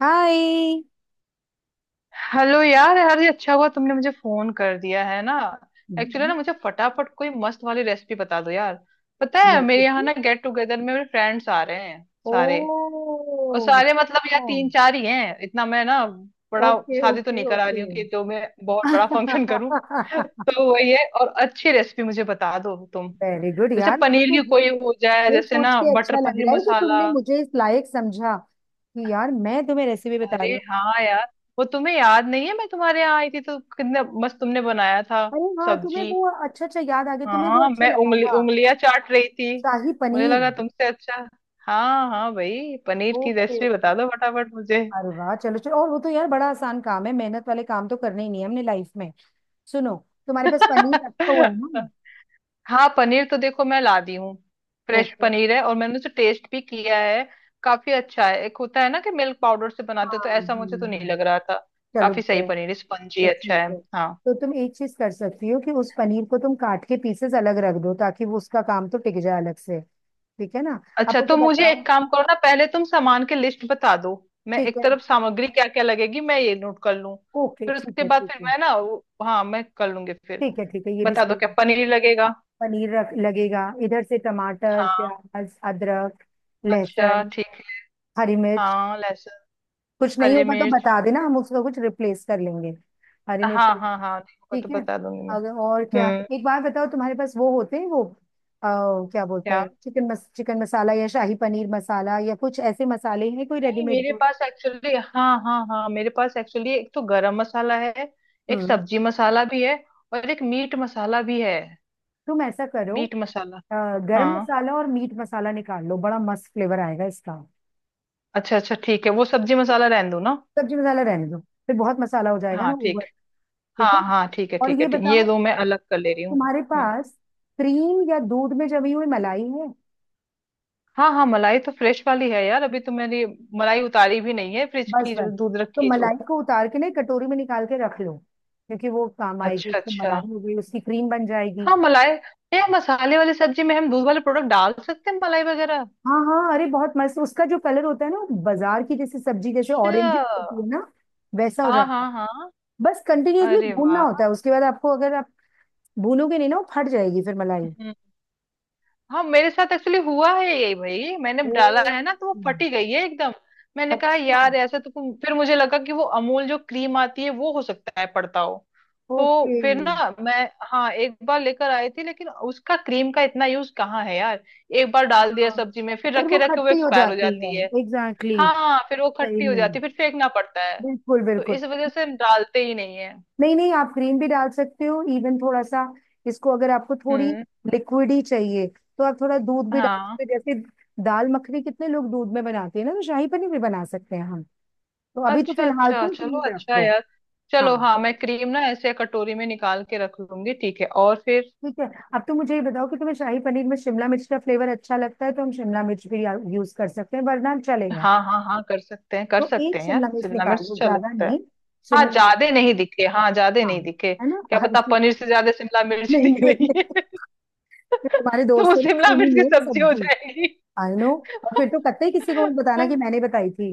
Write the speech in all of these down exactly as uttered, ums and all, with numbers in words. हाय। Hello यार, यार ये अच्छा हुआ तुमने मुझे फोन कर दिया है ना। एक्चुअली हम्म, ना मुझे फटाफट कोई मस्त वाली रेसिपी बता दो यार। पता है रहती मेरे यहाँ थी। ना गेट टुगेदर में मेरे फ्रेंड्स आ रहे हैं ओ, सारे। और सारे मतलब यार अच्छा। तीन चार ही हैं, इतना मैं ना बड़ा ओके शादी तो ओके नहीं करा रही ओके। हूँ कि तो मैं बहुत बड़ा फंक्शन करूँ। तो वही है, और अच्छी रेसिपी मुझे बता दो तुम। वेरी गुड जैसे यार, मुझे पनीर तो की ये कोई हो जाए, ये जैसे सोच ना के बटर अच्छा लग पनीर रहा है कि मसाला। तुमने मुझे इस लायक समझा कि यार मैं तुम्हें रेसिपी बता रही अरे हूँ। हाँ यार, वो तुम्हें याद नहीं है मैं तुम्हारे यहाँ आई थी तो कितना मस्त तुमने बनाया था अरे हाँ, तुम्हें सब्जी। वो अच्छा अच्छा याद आ गया, तुम्हें वो हाँ अच्छा मैं लगा उंगली था। उंगलियां चाट रही थी। शाही मुझे पनीर। लगा तुमसे अच्छा। हाँ हाँ भाई, पनीर की ओके रेसिपी ओके। बता दो फटाफट मुझे। अरे वाह, चलो चलो, और वो तो यार बड़ा आसान काम है, मेहनत वाले काम तो करने ही नहीं है हमने लाइफ में। सुनो, तुम्हारे पास पनीर रखा हुआ है ना। हाँ, पनीर तो देखो मैं ला दी हूँ। Fresh okay. पनीर है और मैंने उसे टेस्ट भी किया है। काफी अच्छा है, एक होता है ना कि मिल्क पाउडर से बनाते हो, हाँ, तो ऐसा हम्म मुझे तो नहीं हम्म। लग रहा था। चलो काफी सही बुरा है। पनीर, स्पंजी तो अच्छा ठीक है। है, हाँ, तो तुम एक चीज कर सकती हो कि उस पनीर को तुम काट के पीसेस अलग रख दो ताकि वो उसका काम तो टिक जाए अलग से। ठीक है ना। अब अच्छा मुझे तो मुझे बताओ। एक काम करो ना, पहले तुम सामान की लिस्ट बता दो। मैं ठीक एक है। तरफ सामग्री क्या क्या लगेगी मैं ये नोट कर लूं। ओके फिर ठीक उसके है बाद ठीक फिर है। मैं ना वो- हाँ मैं कर लूंगी फिर। ठीक है ठीक है ये भी बता दो सही क्या है। पनीर लगेगा। पनीर रख लगेगा, इधर से टमाटर, हाँ, प्याज, अदरक, अच्छा लहसुन, ठीक है। हरी मिर्च। हाँ लहसुन। कुछ नहीं हरी होगा तो मिर्च बता ठीक देना, है। हम उसका कुछ रिप्लेस कर लेंगे। हरी मिर्च हाँ हाँ हाँ नहीं होगा तो ठीक है। बता दूंगी मैं। अगर और क्या, हम्म, एक बार बताओ तुम्हारे पास वो होते हैं वो अ, क्या बोलते क्या? हैं चिकन मस, चिकन मसाला या शाही पनीर मसाला या कुछ ऐसे मसाले हैं कोई नहीं, रेडीमेड मेरे जो। पास एक्चुअली, हाँ हाँ हाँ, मेरे पास एक्चुअली एक तो गरम मसाला है। एक हम्म। सब्जी मसाला भी है। और एक मीट मसाला भी है। तुम ऐसा करो, मीट मसाला। अ, गरम हाँ मसाला और मीट मसाला निकाल लो, बड़ा मस्त फ्लेवर आएगा इसका। अच्छा अच्छा ठीक है, वो सब्जी मसाला रहने दूँ ना। सब्जी मसाला रहने दो, फिर बहुत मसाला हो जाएगा हाँ ना ठीक ओवर। है, ठीक है, हाँ हाँ ठीक है और ठीक है ये ठीक, ये बताओ, दो मैं अलग कर ले रही हूँ। तुम्हारे हम्म। पास क्रीम या दूध में जमी हुई मलाई है। हाँ हाँ मलाई तो फ्रेश वाली है यार, अभी तो मैंने मलाई उतारी भी नहीं है, फ्रिज बस की बस। जो दूध तो रखी है जो। मलाई को उतार के ना एक कटोरी में निकाल के रख लो, क्योंकि वो काम आएगी, अच्छा एक तो अच्छा, मलाई हो गई, उसकी क्रीम बन जाएगी। हाँ मलाई। ये मसाले वाली सब्जी में हम दूध वाले प्रोडक्ट डाल सकते हैं, मलाई वगैरह। हाँ हाँ, अरे बहुत मस्त, उसका जो कलर होता है ना, वो बाजार की जैसे सब्जी, जैसे ऑरेंज अच्छा। होती है ना, वैसा हो हाँ जाता है। हाँ हाँ। बस कंटिन्यूअसली अरे भूनना वाह। होता है उसके बाद, आपको अगर आप भूनोगे नहीं ना, वो फट जाएगी फिर मलाई। हाँ मेरे साथ एक्चुअली हुआ है यही भाई, मैंने ओ, डाला है ना तो वो फटी गई है एकदम। मैंने कहा अच्छा। यार ऐसा तो, तुम फिर मुझे लगा कि वो अमूल जो क्रीम आती है वो हो सकता है पड़ता हो। ओके। तो फिर ना मैं, हाँ एक बार लेकर आई थी, लेकिन उसका क्रीम का इतना यूज कहाँ है यार। एक बार डाल दिया हाँ, सब्जी में, फिर फिर रखे वो रखे वो खट्टी हो एक्सपायर हो जाती है। जाती है। Exactly exactly। हाँ फिर वो सही खट्टी हो जाती नहीं। है, फिर फेंकना पड़ता है। बिल्कुल तो बिल्कुल। इस वजह से हम डालते ही नहीं है। नहीं नहीं, आप ग्रीन भी डाल सकते हो इवन, थोड़ा सा इसको, अगर आपको थोड़ी हम्म लिक्विड ही चाहिए तो आप थोड़ा दूध भी डाल हाँ सकते हो, जैसे दाल मखनी कितने लोग दूध में बनाते हैं ना, तो शाही पनीर भी बना सकते हैं हम। तो अभी तो अच्छा फिलहाल अच्छा, तुम चलो क्रीम अच्छा है रखो। यार। चलो हाँ हाँ, मैं क्रीम ना ऐसे कटोरी में निकाल के रख लूंगी, ठीक है। और फिर ठीक है। अब तो मुझे ये बताओ कि तुम्हें शाही पनीर में शिमला मिर्च का फ्लेवर अच्छा लगता है तो हम शिमला मिर्च भी यूज कर सकते हैं, वरना चलेगा। हाँ हाँ हाँ, कर सकते हैं कर तो सकते एक हैं यार, शिमला मिर्च शिमला मिर्च निकालो, अच्छा ज्यादा लगता है। नहीं। हाँ शिमला ज्यादा मिर्च। नहीं दिखे, हाँ ज्यादा हाँ, नहीं दिखे, है ना। क्या हर पता चीज, पनीर से ज्यादा शिमला मिर्च नहीं दिख नहीं रही है। नहीं, तुम्हारे तो दोस्त वो ने शिमला छूनी मिर्च नहीं की है सब्जी हो सब्जी। जाएगी। I know. और फिर तो कतई किसी को मत बताना कि मैंने बताई थी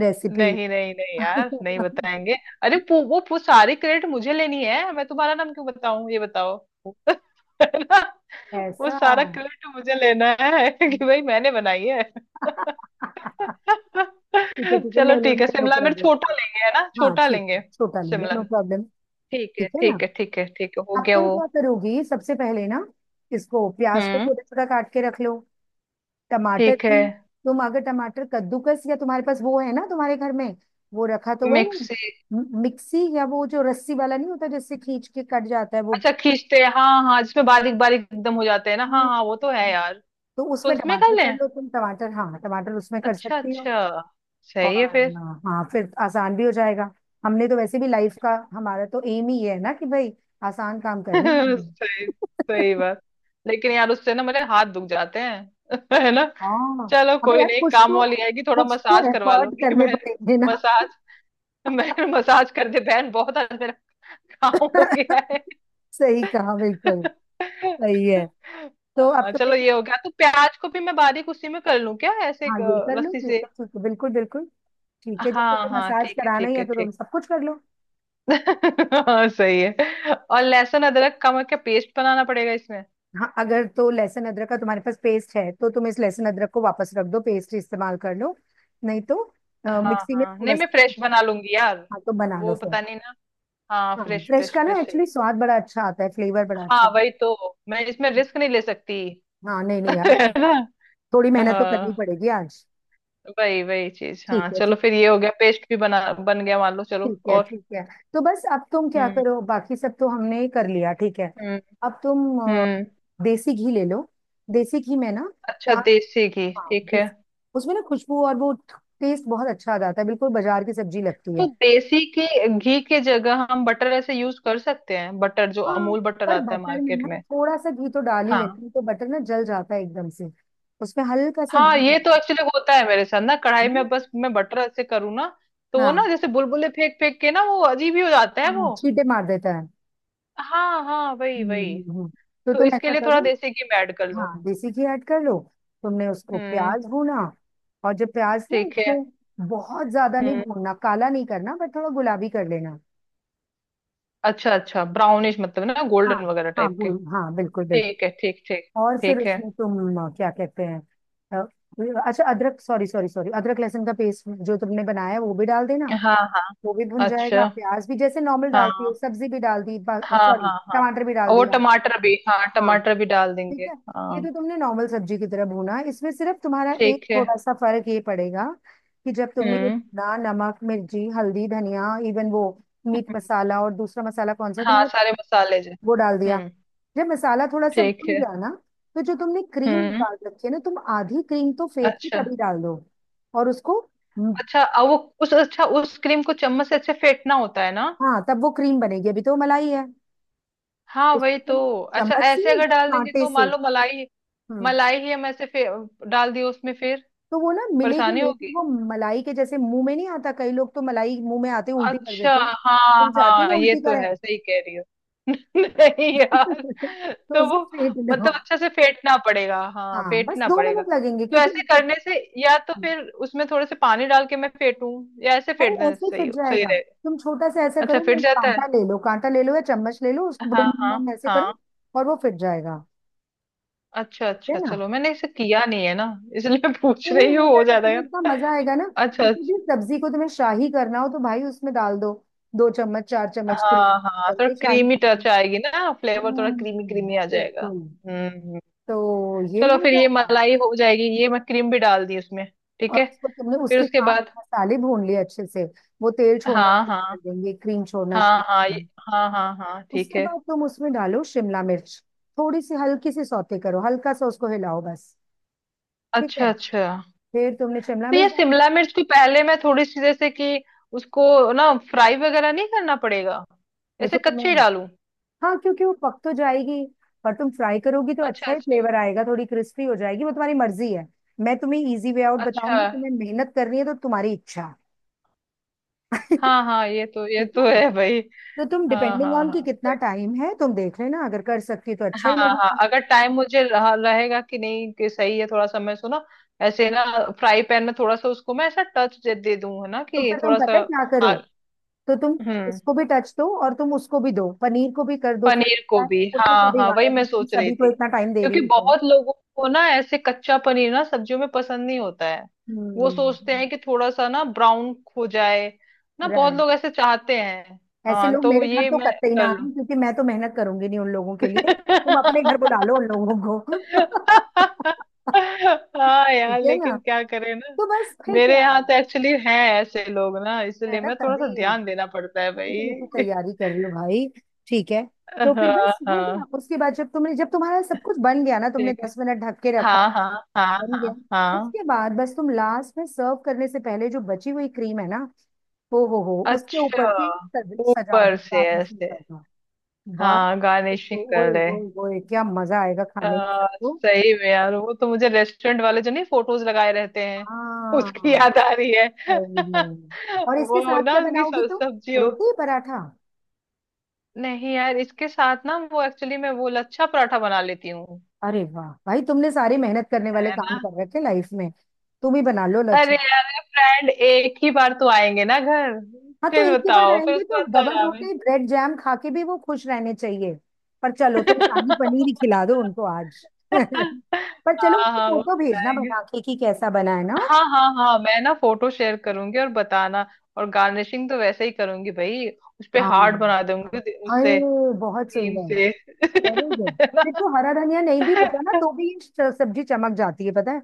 रेसिपी। नहीं नहीं नहीं यार, नहीं बताएंगे। अरे पू, वो पू, सारी क्रेडिट मुझे लेनी है, मैं तुम्हारा नाम क्यों बताऊं ये बताओ। है ना? वो ऐसा। सारा क्रेडिट मुझे लेना है कि भाई मैंने बनाई है। ठीक है ठीक है, ले चलो लो ठीक ले है, लो शिमला मिर्च क्रेडिट। छोटा लेंगे, है ना, हाँ छोटा ठीक लेंगे। है, छोटा ले लो, शिमला, नो प्रॉब्लम। ठीक है ठीक है ना। ठीक है ठीक है ठीक है, हो अब गया तुम वो। क्या करोगी सबसे पहले ना, इसको प्याज को हम्म, छोटा छोटा काट के रख लो, टमाटर ठीक है। भी। तुम अगर टमाटर कद्दूकस, या तुम्हारे पास वो है ना तुम्हारे घर में वो रखा तो है वो, मिक्सी। म- मिक्सी, या वो जो रस्सी वाला नहीं होता जिससे खींच के कट जाता है वो। अच्छा खींचते हैं, हाँ हाँ जिसमें बारीक बारीक एकदम हो जाते हैं ना, हाँ हाँ वो तो है हम्म। यार। तो तो उसमें उसमें कर टमाटर कर लें। लो तुम, टमाटर हाँ, टमाटर उसमें कर अच्छा सकती हो। अच्छा, सही है और फिर। अ, हाँ फिर आसान भी हो जाएगा, हमने तो वैसे भी लाइफ का हमारा तो एम ही ये है ना कि भाई आसान काम करने हैं। सही सही बात। लेकिन यार उससे ना मेरे हाथ दुख जाते हैं। है ना। हाँ, चलो अबे कोई यार, नहीं, कुछ काम तो वाली आएगी थोड़ा कुछ तो मसाज करवा एफर्ट लूंगी करने बहन। पड़ेंगे ना। मसाज, मैं मसाज कर दे बहन, बहुत आज मेरा काम हो गया है। सही कहा, बिल्कुल सही है। तो अब हाँ, तुमने चलो क्या। ये हो गया, तो प्याज को भी मैं बारीक उसी में कर लूं क्या, ऐसे हाँ एक, ये अ, कर लो, रस्सी से। ठीक है ठीक है, बिल्कुल बिल्कुल। ठीक है, जब हाँ तुम्हें हाँ मसाज ठीक है कराना ही ठीक है है तो तुम ठीक। सब कुछ कर लो। हाँ सही है, और लहसुन अदरक का मैं क्या पेस्ट बनाना पड़ेगा? हाँ, अगर तो लहसुन अदरक का तुम्हारे पास पेस्ट है तो तुम इस लहसुन अदरक को वापस रख दो, पेस्ट इस्तेमाल कर लो। नहीं तो अ, हाँ मिक्सी में हाँ, थोड़ा नहीं मैं सा। फ्रेश बना लूंगी यार। हाँ तो बना लो वो फिर। पता नहीं ना, हाँ हाँ फ्रेश फ्रेश फ्रेश का ना फ्रेश एक्चुअली चाहिए। स्वाद बड़ा अच्छा आता है, फ्लेवर बड़ा अच्छा हाँ वही आता तो, मैं इसमें है। रिस्क नहीं ले सकती। हाँ नहीं नहीं यार, है ना। थोड़ी मेहनत तो करनी हाँ पड़ेगी आज। वही वही चीज, ठीक हाँ है चलो ठीक। फिर ये हो गया पेस्ट भी बना बन गया मान लो, चलो ठीक है और ठीक है। तो बस अब तुम क्या हम्म करो, बाकी सब तो हमने ही कर लिया, ठीक है। हम्म अब तुम अ, हम्म। देसी घी ले लो, देसी घी में ना, क्या, अच्छा देसी घी हाँ ठीक है। उस- उसमें ना खुशबू और वो टेस्ट बहुत अच्छा आ जाता है, बिल्कुल बाजार की सब्जी लगती तो है। देसी के घी के जगह हम बटर ऐसे यूज कर सकते हैं, बटर जो हाँ, अमूल बटर पर आता है बटर में मार्केट ना में। थोड़ा सा घी तो डाल ही लेती हाँ हूँ, तो बटर ना जल जाता है एकदम से, उसमें हल्का सा हाँ घी ये तो डाल एक्चुअली होता है मेरे साथ ना, कढ़ाई देती हूँ। में बस मैं बटर ऐसे करूँ ना, तो वो ना हाँ जैसे बुलबुले फेंक फेंक के ना वो अजीब ही हो जाता है हाँ, वो। छींटे मार देता है। हाँ हाँ वही हम्म वही। हम्म, हम्म। तो तो तुम इसके ऐसा लिए थोड़ा करो, देसी घी मैं ऐड कर लूँ। हाँ देसी घी ऐड कर लो, तुमने उसको हम्म, प्याज भूना, और जब प्याज ना, ठीक है। इसमें बहुत ज्यादा नहीं हम्म भूनना, काला नहीं करना, पर थोड़ा गुलाबी कर लेना। अच्छा अच्छा, ब्राउनिश मतलब ना हाँ गोल्डन वगैरह हाँ टाइप के। भून, हाँ बिल्कुल बिल्कुल। ठीक है ठीक ठीक। और फिर ठीक है। उसमें तुम अ, क्या कहते हैं, अ, अच्छा अदरक, सॉरी सॉरी सॉरी, अदरक लहसुन का पेस्ट जो तुमने बनाया है वो भी डाल देना। हाँ हाँ। वो भी भुन जाएगा, अच्छा। प्याज भी, जैसे नॉर्मल हाँ डालती हो सब्जी भी डाल दी, हाँ सॉरी हाँ हाँ। टमाटर भी डाल और वो दिया। टमाटर भी, हाँ हाँ टमाटर भी डाल देंगे। ठीक है। ये हाँ तो तुमने नॉर्मल सब्जी की तरह भूना, इसमें सिर्फ तुम्हारा एक ठीक है। थोड़ा सा फर्क ये पड़ेगा कि जब तुमने ये हम्म भुना, नमक, मिर्ची, हल्दी, धनिया, इवन वो मीट हम्म, मसाला और दूसरा मसाला कौन सा है? हाँ तुम्हारे, सारे मसाले जो। वो डाल दिया। हम्म, जब मसाला थोड़ा सा ठीक भून है। गया ना तो जो तुमने क्रीम हम्म, निकाल रखी है ना, तुम आधी क्रीम तो फेट के अच्छा तभी डाल दो, और उसको, हम्म, अच्छा। अब वो, उस, अच्छा उस क्रीम को चम्मच से अच्छे फेंटना होता है ना? हाँ तब वो क्रीम बनेगी, अभी तो मलाई है। हाँ उसको वही तो। तुम अच्छा चम्मच से ऐसे अगर या डाल देंगे कांटे तो, से। मान लो मलाई, हम्म। मलाई ही हम ऐसे फे, डाल दिए उसमें फिर तो वो ना मिलेगी परेशानी नहीं फिर होगी। वो, मलाई के जैसे मुंह में नहीं आता, कई लोग तो मलाई मुंह में आते ही उल्टी कर अच्छा, देते हैं, हाँ तुम चाहती हो हाँ वो ये उल्टी तो करें। है, सही कह रही हो। नहीं यार। तो तो उसे वो फेंट लो। मतलब अच्छे से फेंटना पड़ेगा, हाँ हाँ बस फेंटना दो पड़ेगा। मिनट लगेंगे तो क्योंकि, ऐसे करने से, या तो फिर उसमें थोड़े से पानी डाल के मैं फेंटूं, या ऐसे फेंट भाई देना ऐसे ही सही फिट हो, सही जाएगा। रहेगा। तुम छोटा सा ऐसा अच्छा करो ना, फिट एक जाता है। कांटा ले लो, कांटा ले लो या चम्मच ले लो, उसको हाँ बुडुम हाँ बुडुम ऐसे करो हाँ। और वो फिट जाएगा। अच्छा ठीक है अच्छा ना। चलो, मैंने इसे किया नहीं है ना, इसलिए पूछ नहीं नहीं, रही हो हूँ, हो जाएगा, जाएगा तुम्हें इतना ना। मजा आएगा ना, अच्छा किसी भी अच्छा। सब्जी को तुम्हें शाही करना हो तो भाई उसमें डाल दो दो चम्मच चार चम्मच क्रीम, हाँ हाँ बन थोड़ा गई शाही क्रीमी टच सब्जी। आएगी ना, फ्लेवर थोड़ा हम्म, क्रीमी क्रीमी आ जाएगा। बिल्कुल। हम्म हम्म। तो ये चलो हो फिर ये जाएगा, मलाई हो जाएगी, ये मैं क्रीम भी डाल दी उसमें। ठीक और है, उसको तुमने फिर उसके उसके साथ बाद। मसाले भून लिए अच्छे से, वो तेल छोड़ना हाँ शुरू हाँ कर देंगे, क्रीम छोड़ना हाँ शुरू कर हाँ ये, देंगे। हाँ हाँ हाँ ठीक उसके है। बाद तुम उसमें डालो शिमला मिर्च, थोड़ी सी हल्की सी सौते करो, हल्का सा उसको हिलाओ बस। ठीक अच्छा है। अच्छा। फिर तुमने शिमला तो ये मिर्च डाल दी। शिमला मिर्च को पहले मैं थोड़ी सी जैसे कि, उसको ना फ्राई वगैरह नहीं करना पड़ेगा, ऐसे देखो कच्चे ही तुम्हें, डालूं? हाँ क्योंकि वो पक तो जाएगी, पर तुम फ्राई करोगी तो अच्छा अच्छा ही अच्छा। फ्लेवर आएगा, थोड़ी क्रिस्पी हो जाएगी, वो तुम्हारी मर्जी है। मैं तुम्हें इजी वे आउट अच्छा। बताऊंगी, तुम्हें मेहनत करनी है तो तुम्हारी इच्छा। हाँ हाँ ये तो ये ठीक है तो ना। है भाई। तो तुम हाँ डिपेंडिंग हाँ ऑन कि हाँ कितना सही। टाइम है तुम देख लेना, अगर कर सकती हो तो अच्छा हाँ ही हाँ लगेगा। अगर टाइम मुझे रह, रहेगा कि नहीं, कि सही है थोड़ा सा, मैं सो ना ऐसे ना, फ्राई पैन में थोड़ा सा उसको मैं ऐसा टच दे, दे दूं, है ना तो कि फिर तुम थोड़ा पता सा। है क्या आ- करो, तो तुम हम्म, इसको भी टच दो, और तुम उसको भी दो, पनीर को भी कर दो, फिर पनीर पता को है, भी, उसमें क्या हाँ हाँ बिगाड़ा वही है मैं जब तुम सोच रही सभी को थी, इतना टाइम दे रही क्योंकि हो तो। बहुत लोगों को ना ऐसे कच्चा पनीर ना सब्जियों में पसंद नहीं होता है। वो सोचते हम्म। हैं कि थोड़ा सा ना ब्राउन हो जाए ना, बहुत राइट। लोग ऐसे चाहते हैं। ऐसे हाँ लोग तो मेरे घर ये तो मैं कतई ना कर लूं। आए, क्योंकि मैं तो मेहनत करूंगी नहीं उन लोगों के लिए, तुम अपने घर बुला लो उन लोगों को। हाँ ठीक यार है ना। लेकिन क्या करें ना, तो बस फिर मेरे क्या है। यहाँ तो एक्चुअली हैं ऐसे लोग ना, है इसलिए ना, मैं थोड़ा सा तभी ध्यान देना पड़ता है तभी तुम इतनी भाई। तैयारी कर रही हो भाई। ठीक है। तो फिर हाँ बस हो गया, हाँ, उसके बाद जब तुमने, जब तुम्हारा सब कुछ बन गया ना, तुमने ठीक है। दस मिनट ढक के रखा, हाँ हाँ हाँ बन गया। हाँ हाँ। उसके बाद बस तुम लास्ट में सर्व करने से पहले, जो बची हुई क्रीम है ना, हो हो हो उसके ऊपर अच्छा, से सज, सजा ऊपर दो, से गार्निशिंग ऐसे। कर दो। वाह। हाँ गार्निशिंग तो कर ओए ले। ओए ओए, क्या मजा आएगा आ, खाने में सबको। सही में यार, वो तो मुझे रेस्टोरेंट वाले जो नहीं फोटोज लगाए रहते हैं उसकी हाँ याद आ रही है। सही में। और इसके वो साथ ना क्या उनकी बनाओगी सब- तुम, सब्जी। रोटी पराठा। नहीं यार इसके साथ ना, वो एक्चुअली मैं वो लच्छा पराठा बना लेती हूँ। अरे वाह भाई, तुमने सारे मेहनत करने वाले है काम ना, कर रखे लाइफ में, तुम ही बना लो लच्छा। अरे यार फ्रेंड एक ही बार तो आएंगे ना घर। हाँ तो फिर एक ही बार बताओ फिर आएंगे उसके तो बाद तो डबल आराम है। रोटी ब्रेड जैम खा के भी वो खुश रहने चाहिए। पर चलो तो शाही पनीर ही खिला दो उनको आज। पर चलो हाँ उनको हाँ वो फोटो भेजना खिलाएंगे। बना के कि कैसा बना है ना। हाँ हाँ हाँ मैं ना फोटो शेयर करूंगी और बताना। और गार्निशिंग तो वैसे ही करूंगी भाई, उस पे हार्ट हाँ। बना दूंगी दे- अरे उससे, बहुत क्रीम सुंदर। से। Very good. है ना? फिर तो हरा धनिया नहीं भी होता ना तो भी ये स- सब्जी चमक जाती है पता है,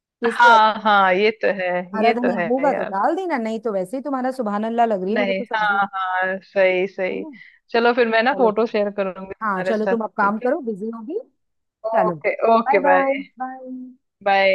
तो इसलिए हाँ हाँ ये तो है, हरा ये तो धनिया है होगा तो यार। डाल देना, नहीं तो वैसे ही तुम्हारा सुबहान अल्लाह लग रही है मुझे नहीं तो सब्जी। हाँ हाँ सही है सही। ना। चलो फिर मैं ना चलो फोटो फिर। शेयर करूंगी हाँ तुम्हारे चलो, साथ, तुम अब काम ठीक है। करो, बिजी होगी। चलो, okay bye okay bye. Bye bye. Bye.